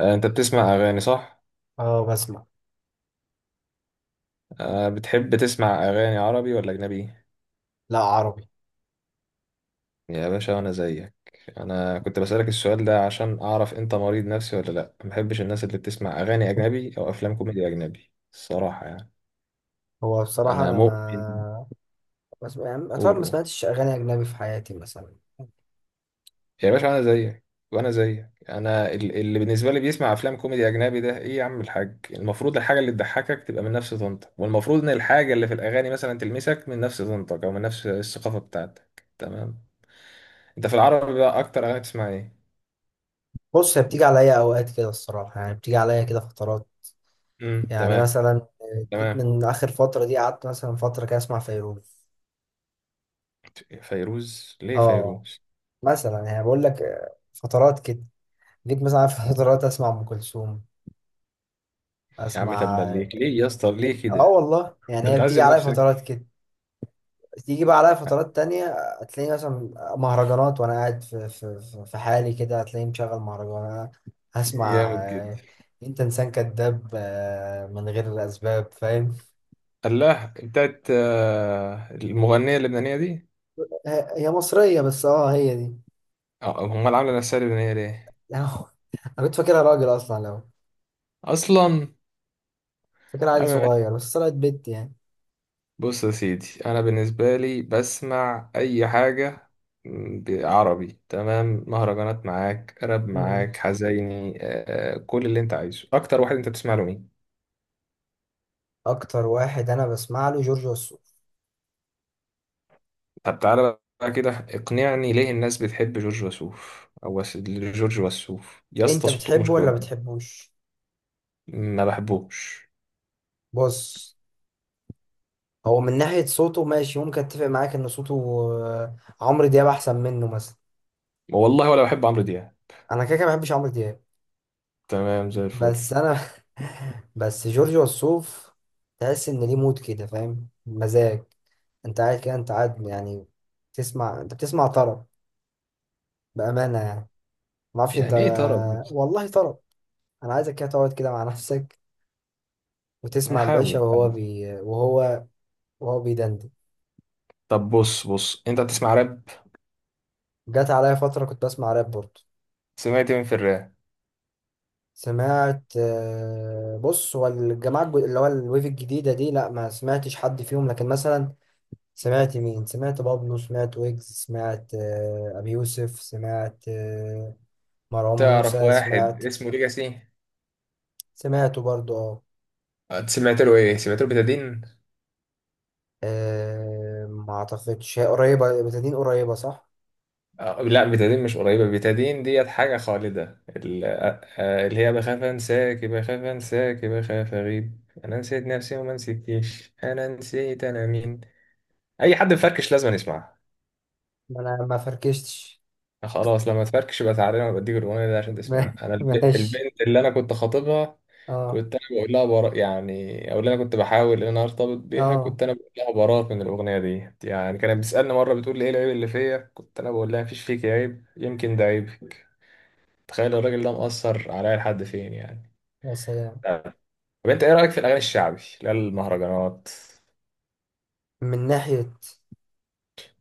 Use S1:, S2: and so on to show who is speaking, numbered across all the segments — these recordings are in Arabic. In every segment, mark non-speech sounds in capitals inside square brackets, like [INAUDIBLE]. S1: آه، انت بتسمع اغاني صح؟
S2: اه، بسمع.
S1: آه، بتحب تسمع اغاني عربي ولا اجنبي؟
S2: لا، عربي.
S1: يا باشا انا زيك. انا كنت بسألك السؤال ده عشان اعرف انت مريض نفسي ولا لا، ما بحبش الناس اللي بتسمع اغاني اجنبي او افلام كوميدي اجنبي الصراحة يعني.
S2: هو بصراحة
S1: انا
S2: أنا
S1: مؤمن.
S2: ما بسمع، يعني أطول ما
S1: قولوا.
S2: سمعتش أغاني أجنبي في حياتي مثلا.
S1: يا باشا انا زيك. وانا زيك، انا اللي بالنسبه لي بيسمع افلام كوميدي اجنبي ده ايه يا عم الحاج؟ المفروض الحاجه اللي تضحكك تبقى من نفس طنطك، والمفروض ان الحاجه اللي في الاغاني مثلا تلمسك من نفس طنطك او من نفس الثقافه بتاعتك. تمام. انت في العربي بقى اكتر اغاني تسمع ايه؟
S2: بص، هي بتيجي عليا أوقات كده الصراحة، يعني بتيجي عليا كده فترات. يعني
S1: تمام.
S2: مثلا جيت
S1: تمام.
S2: من آخر فترة دي، قعدت مثلا فترة كده أسمع فيروز.
S1: فيروز؟ ليه
S2: اه.
S1: فيروز؟
S2: مثلا يعني بقول لك، فترات كده. جيت مثلا في [LAUGHS] فترات أسمع أم كلثوم.
S1: يا عم تبا
S2: أسمع.
S1: ليك، ليه يا اسطى ليه
S2: اه
S1: كده؟
S2: والله، يعني
S1: انت
S2: هي بتيجي
S1: بتعذب
S2: عليا
S1: نفسك.
S2: فترات كده. تيجي بقى عليا فترات تانية. هتلاقيني مثلا مهرجانات، وأنا قاعد في حالي كده، هتلاقيني مشغل مهرجان. هسمع.
S1: جامد جدا.
S2: أنت إنسان كذاب، من غير أسباب فاهم.
S1: الله، بتاعت المغنيه اللبنانيه دي.
S2: هي مصرية، بس هي دي.
S1: اه، هم اللي عامله نفسها لبنانيه ليه؟
S2: [LAUGHS] يعني. أنا كنت فاكرها راجل أصلا، لو
S1: اصلا.
S2: فاكرها
S1: يا
S2: عيل
S1: عم ماشي.
S2: صغير بس طلعت بنت يعني.
S1: بص يا سيدي، انا بالنسبه لي بسمع اي حاجه عربي. تمام، مهرجانات معاك، راب
S2: مم.
S1: معاك، حزيني، كل اللي انت عايزه. اكتر واحد انت بتسمع له مين؟
S2: أكتر واحد أنا بسمع له جورج وسوف.
S1: طب تعالى بقى كده اقنعني، ليه الناس بتحب جورج وسوف؟ جورج وسوف يا
S2: أنت
S1: اسطى صوته
S2: بتحبه
S1: مش كويس.
S2: ولا بتحبوش؟
S1: ما بحبوش.
S2: بص، هو من ناحية صوته ماشي، ممكن أتفق معاك إن صوته آه، عمرو دياب أحسن منه مثلا.
S1: والله ولا بحب عمرو دياب.
S2: انا كده كده ما بحبش عمرو دياب.
S1: تمام زي الفل.
S2: بس انا [LAUGHS] بس جورج وسوف. تحس ان ليه مود كده، فاهم، مزاج. انت قاعد كده، انت قاعد يعني، تسمع، انت بتسمع طرب، بامانه يعني، ما اعرفش انت.
S1: يعني ايه طرب؟
S2: والله طرب. انا عايزك كده تقعد كده مع نفسك وتسمع
S1: هحاول
S2: الباشا، وهو
S1: احاول.
S2: بي وهو وهو بيدندن.
S1: طب بص بص، انت بتسمع راب؟
S2: جات عليا فتره كنت بسمع راب برضه.
S1: سمعت مين في الراب؟
S2: سمعت، بص، هو الجماعه اللي هو الويف الجديده دي، لا ما سمعتش حد فيهم لكن مثلا، سمعت مين، سمعت بابلو، سمعت ويجز، سمعت أبي يوسف، سمعت مروان
S1: تعرف
S2: موسى،
S1: واحد
S2: سمعت.
S1: اسمه ليجاسي؟
S2: سمعته برضو، اه.
S1: آه، سمعت له ايه؟ سمعت له بتادين؟
S2: آه، ما اعتقدش، هي قريبة بتدين، قريبة صح؟
S1: آه، لا، بتادين مش قريبة، بتادين ديت حاجة خالدة، اللي هي بخاف انساك بخاف انساك بخاف اغيب، انا نسيت نفسي وما نسيتكيش، انا نسيت انا مين. اي حد مفركش لازم يسمعها.
S2: ما انا ما فركشتش.
S1: خلاص، لما تفركش يبقى تعالى انا بديك الاغنية دي عشان
S2: ما-
S1: تسمعها. انا
S2: [LAUGHS] ماشي.
S1: البنت اللي انا كنت خاطبها،
S2: اه.
S1: كنت انا بقول لها برا يعني، او اللي انا كنت بحاول ان انا ارتبط بيها
S2: اه.
S1: كنت انا بقول لها براء من الاغنيه دي يعني. كانت بتسالني مره بتقول لي، ايه العيب اللي فيا؟ كنت انا بقول لها، مفيش فيك عيب، يمكن ده عيب. تخيل الراجل ده مأثر عليا لحد فين يعني.
S2: يا سلام.
S1: طب انت ايه رأيك في الاغاني الشعبي، لا المهرجانات؟
S2: من ناحية.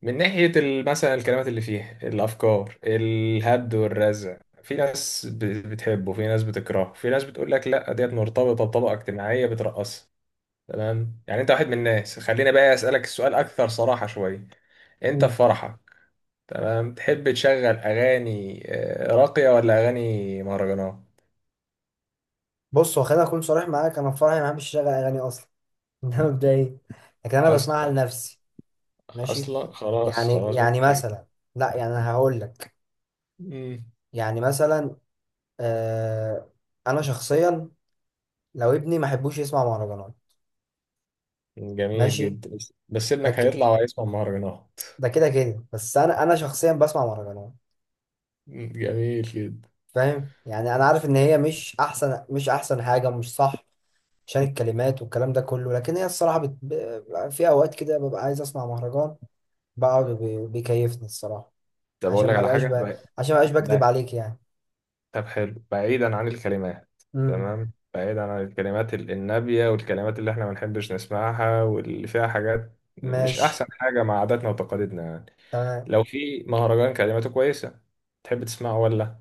S1: من ناحية مثلا الكلمات اللي فيها، الافكار، الهد والرزع. في ناس بتحبه، في ناس بتكرهه، في ناس بتقول لك لا ديت مرتبطة بطبقة اجتماعية بترقصها. تمام، يعني انت واحد من الناس. خليني بقى اسألك السؤال اكثر صراحة شوية، انت في
S2: مم.
S1: فرحك، تمام، تحب تشغل اغاني راقية ولا اغاني مهرجانات؟
S2: بص، هو خليني اكون صريح معاك، انا في فرحي ما بحبش اشغل اغاني اصلا. [LAUGHS] ده مبدئيا، لكن انا بسمعها
S1: اصلا.
S2: لنفسي. ماشي.
S1: اصلا خلاص
S2: يعني
S1: خلاص
S2: يعني
S1: اوكي.
S2: مثلا. لا، يعني انا هقول لك.
S1: مم.
S2: يعني مثلا. آه. انا شخصيا، لو ابني ما احبوش يسمع مهرجانات.
S1: جميل
S2: ماشي.
S1: جدا، بس بس
S2: ده
S1: ابنك
S2: ك...
S1: هيطلع وهيسمع مهرجانات.
S2: ده كده كده، بس انا شخصيا بسمع مهرجانات.
S1: جميل جدا.
S2: فاهم، يعني انا عارف ان هي مش احسن حاجه، مش صح. عشان الكلمات والكلام ده كله، لكن هي الصراحه في اوقات كده ببقى عايز اسمع مهرجان. بقعد بيكيفني الصراحه،
S1: طب اقول
S2: عشان
S1: لك
S2: ما
S1: على
S2: بقاش
S1: حاجه
S2: ب... عشان ما بقاش بكذب
S1: بع-
S2: عليك يعني.
S1: طب حلو، بعيدا عن الكلمات،
S2: امم.
S1: تمام، بعيدا عن الكلمات النابيه والكلمات اللي احنا ما بنحبش نسمعها واللي فيها حاجات مش
S2: ماشي.
S1: احسن حاجه مع عاداتنا وتقاليدنا يعني،
S2: تمام.
S1: لو في مهرجان كلماته كويسه تحب تسمعه ولا؟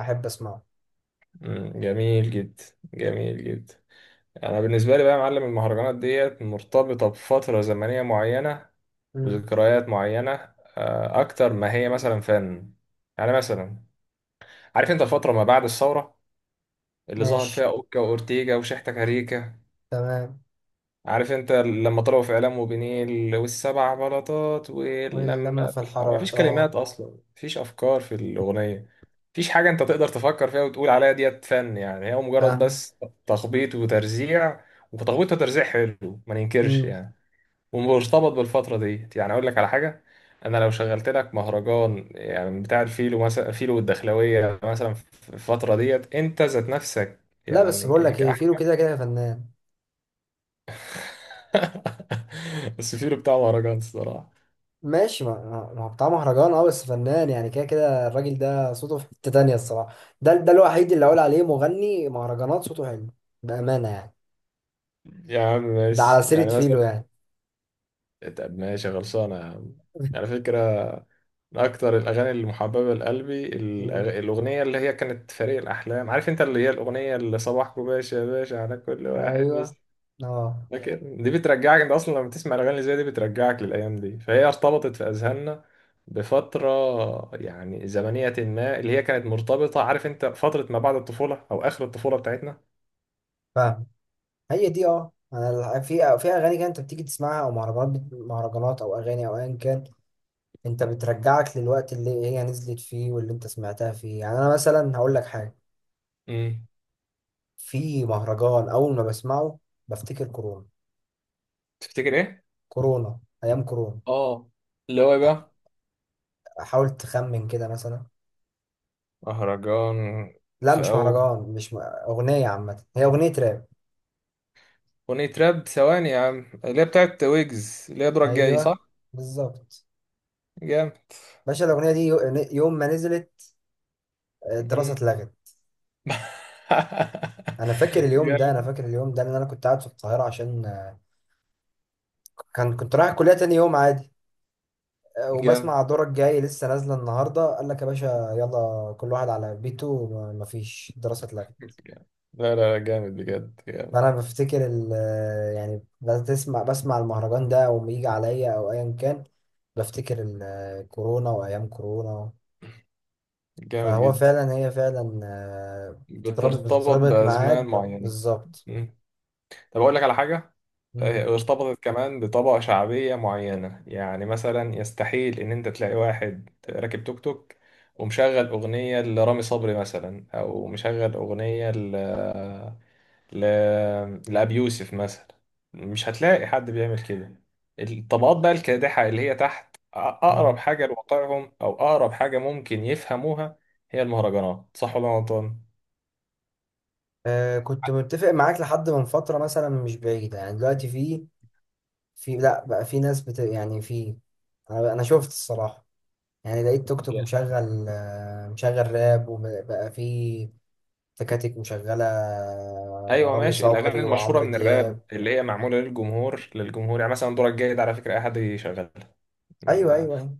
S2: احب اسمعه.
S1: مم، جميل جدا. جميل جدا. انا بالنسبه لي بقى يا معلم، المهرجانات ديت مرتبطه بفتره زمنيه معينه
S2: امم.
S1: وذكريات معينه، اكتر ما هي مثلا فن. يعني مثلا، عارف انت الفتره ما بعد الثوره اللي ظهر فيها
S2: ماشي.
S1: اوكا واورتيجا وشحتة كاريكا،
S2: تمام.
S1: عارف انت لما طلعوا في اعلام وبنيل والسبع بلاطات
S2: واللمه
S1: ولما،
S2: في
S1: مفيش
S2: الحارات، اه.
S1: كلمات اصلا، مفيش افكار في الاغنيه، مفيش حاجه انت تقدر تفكر فيها وتقول عليها ديت فن يعني، هي مجرد
S2: فاهم.
S1: بس تخبيط وترزيع. وتخبيط وترزيع حلو ما ننكرش
S2: مم.
S1: يعني، ومرتبط بالفتره ديت. يعني اقول لك على حاجه، انا لو شغلت لك مهرجان يعني بتاع الفيلو مثلا، فيلو والدخلاويه مثلا، في الفتره ديت انت ذات نفسك
S2: لا، بس
S1: يعني،
S2: بقول لك ايه، فيلو كده كده فنان.
S1: [LAUGHS] السفير بتاع مهرجان الصراحة.
S2: ماشي، ما هو بتاع مهرجان، اه بس فنان يعني، كده كده الراجل ده صوته في حتة تانية، الصراحة. ده الوحيد اللي اقول عليه مغني مهرجانات صوته حلو، بأمانة يعني.
S1: يا عم
S2: ده على
S1: ماشي،
S2: سيرة
S1: يعني مثلا.
S2: فيلو يعني.
S1: طب ماشي خلصانة يا عم. على
S2: [LAUGHS]
S1: فكرة، من أكتر الأغاني المحببة لقلبي
S2: مم.
S1: الأغنية اللي هي كانت فريق الأحلام، عارف أنت، اللي هي الأغنية اللي صباحكم باشا يا باشا على كل واحد، مش
S2: ايوه. اه.
S1: فاكر؟ دي بترجعك أنت أصلا، لما تسمع الأغاني اللي زي دي بترجعك للأيام دي، فهي ارتبطت في أذهاننا بفترة يعني زمنية ما، اللي هي كانت مرتبطة، عارف أنت، فترة ما بعد الطفولة أو آخر الطفولة بتاعتنا.
S2: فاهم. هي دي، اه، في اغاني كده انت بتيجي تسمعها، او مهرجانات، مهرجانات او اغاني او ايا كان، انت بترجعك للوقت اللي هي نزلت فيه واللي انت سمعتها فيه يعني. انا مثلا هقول لك حاجة.
S1: امم
S2: في مهرجان اول ما بسمعه بفتكر كورونا.
S1: تفتكر إيه؟
S2: كورونا، ايام كورونا.
S1: اه، اللي هو إيه
S2: تع-
S1: بقى؟
S2: حاول تخمن كده مثلا.
S1: مهرجان؟
S2: لا
S1: في
S2: مش
S1: أول
S2: مهرجان، مش م... اغنيه عامه، هي اغنيه راب.
S1: أغنية راب، ثواني يا عم، اللي هي بتاعت ويجز، اللي هي دورك جاي،
S2: ايوه
S1: صح؟
S2: بالظبط.
S1: جامد.
S2: باشا الاغنيه دي، يوم ما نزلت، الدراسه
S1: مم.
S2: اتلغت.
S1: [LAUGHS]
S2: انا فاكر اليوم ده، انا
S1: جامد
S2: فاكر اليوم ده، لان انا كنت قاعد في القاهره عشان كنت رايح الكليه تاني يوم عادي.
S1: جامد.
S2: وبسمع دورك جاي لسه نازله النهارده، قال لك يا باشا يلا كل واحد على بيته، مفيش دراسه، اتلغت.
S1: لا لا، جامد بجد، جامد.
S2: فانا بفتكر يعني بسمع المهرجان ده او يجي عليا او ايا كان، بفتكر كورونا وايام كورونا.
S1: جامد
S2: فهو
S1: جدا.
S2: فعلا، هي فعلا بتتربط
S1: بترتبط
S2: بتتربط معاك،
S1: بأزمان معينة.
S2: بالظبط.
S1: طب أقول لك على حاجة،
S2: مم.
S1: ارتبطت كمان بطبقة شعبية معينة، يعني مثلا يستحيل إن أنت تلاقي واحد راكب توك توك ومشغل أغنية لرامي صبري مثلا، أو مشغل أغنية ل... لأبي يوسف مثلا، مش هتلاقي حد بيعمل كده. الطبقات بقى الكادحة، اللي هي تحت، أقرب
S2: مم.
S1: حاجة لواقعهم أو أقرب حاجة ممكن يفهموها هي المهرجانات، صح ولا أنا غلطان؟
S2: كنت متفق معاك لحد من فترة مثلا مش بعيدة، يعني دلوقتي في في لا بقى في ناس يعني في، أنا شفت الصراحة. يعني لقيت توك توك مشغل راب، وبقى في تكاتك مشغلة
S1: ايوه
S2: رامي
S1: ماشي، الاغاني
S2: صبري
S1: المشهوره
S2: وعمرو
S1: من
S2: دياب.
S1: الراب اللي هي معموله للجمهور للجمهور يعني، مثلا دورك جاي ده على فكره اي حد يشغلها،
S2: أيوه أيوه أيوه.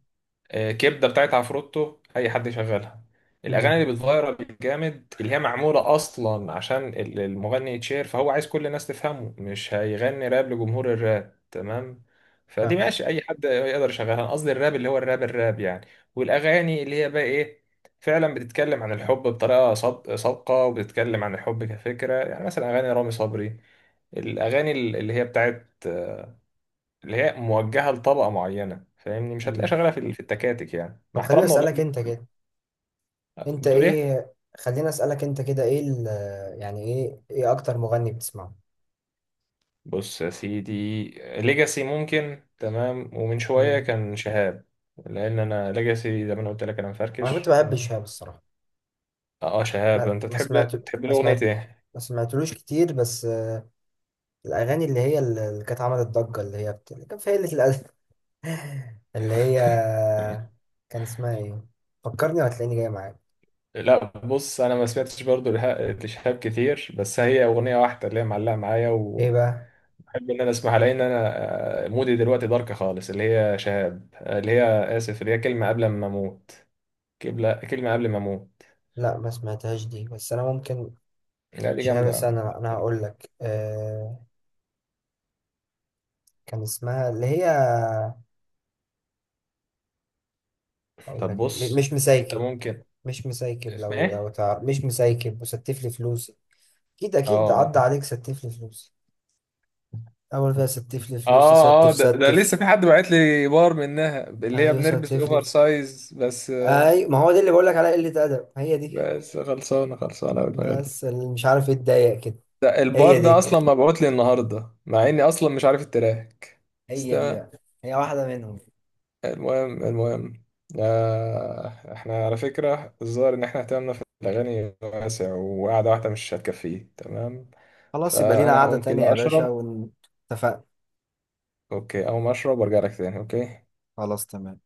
S1: كبده بتاعت عفروتو اي حد يشغلها. الاغاني
S2: أمم،
S1: اللي بتفيرال جامد، اللي هي معموله اصلا عشان المغني يتشير، فهو عايز كل الناس تفهمه، مش هيغني راب لجمهور الراب، تمام؟ فدي
S2: فاهم.
S1: ماشي اي حد يقدر يشغلها. انا قصدي الراب اللي هو الراب الراب يعني، والاغاني اللي هي بقى ايه، فعلا بتتكلم عن الحب بطريقه صادقه، وبتتكلم عن الحب كفكره، يعني مثلا اغاني رامي صبري، الاغاني اللي هي بتاعت، اللي هي موجهه لطبقه معينه، فاهمني؟ مش هتلاقيها
S2: أمم.
S1: شغاله في التكاتك يعني،
S2: طب
S1: مع
S2: خليني
S1: احترامنا والله.
S2: أسألك أنت كده، أنت
S1: بتقول ايه؟
S2: إيه، خليني أسألك أنت كده، إيه يعني إيه، أكتر مغني بتسمعه؟
S1: بص يا سيدي، ليجاسي ممكن، تمام، ومن شويه
S2: أمم.
S1: كان شهاب، لان انا ليجاسي زي ما انا قلت لك انا
S2: أنا كنت
S1: مفركش،
S2: بحب
S1: تمام.
S2: شهاب الصراحة.
S1: اه، شهاب
S2: ما
S1: انت
S2: ما
S1: تحب.
S2: سمعت،
S1: تحب
S2: ما
S1: له اغنيه
S2: سمعت،
S1: ايه؟
S2: ما سمعتلوش كتير بس. الأغاني اللي هي اللي كانت عملت ضجة، اللي هي اللي كان في قلة الأدب. [LAUGHS] اللي هي،
S1: [LAUGHS]
S2: كان اسمها إيه؟ فكرني وهتلاقيني جاي معاك.
S1: لا بص، انا ما سمعتش برضو لشهاب كتير، بس هي اغنيه واحده اللي هي معلقه معايا
S2: إيه بقى؟
S1: وبحب ان انا اسمعها، لان انا مودي دلوقتي دارك خالص، اللي هي شهاب، اللي هي اسف، اللي هي كلمه قبل ما اموت، كلمه قبل ما اموت.
S2: لا ما سمعتهاش دي، بس انا ممكن.
S1: لا دي جامده
S2: شهاب،
S1: يا عم.
S2: انا هقول لك، كان اسمها اللي هي، هقول
S1: طب
S2: لك
S1: بص،
S2: مش
S1: انت
S2: مسايكب.
S1: ممكن،
S2: مش مسايكب،
S1: اسمها
S2: لو
S1: ايه؟
S2: تعرف مش مسايكب وستف لي فلوسي. اكيد اكيد
S1: اه
S2: عدى عليك ستف لي فلوسي. اول فيها ستف لي فلوسي،
S1: اه اه،
S2: ستف
S1: ده لسه
S2: ستف.
S1: في حد بعت لي بار منها اللي هي
S2: ايوه
S1: بنلبس
S2: ستف لي
S1: اوفر سايز بس.
S2: اي ما هو ده اللي بقول لك عليها قلة ادب، هي دي.
S1: بس خلصانه خلصانه أوي دماغي.
S2: بس اللي مش عارف ايه اتضايق كده.
S1: ده البار
S2: هي
S1: ده
S2: دي،
S1: اصلا مبعوت لي النهارده، مع اني اصلا مش عارف التراك. بس
S2: هي دي
S1: تمام.
S2: بقى، هي واحدة منهم.
S1: المهم المهم، آه، احنا على فكره الظاهر ان احنا اهتمامنا في الاغاني واسع، وقعده واحده مش هتكفيه، تمام.
S2: خلاص يبقى لينا
S1: فانا
S2: قعدة
S1: هقوم
S2: تانية
S1: كده
S2: يا باشا
S1: اشرب.
S2: واتفقنا.
S1: اوكي، اقوم اشرب وارجع لك تاني، اوكي.
S2: خلاص تمام.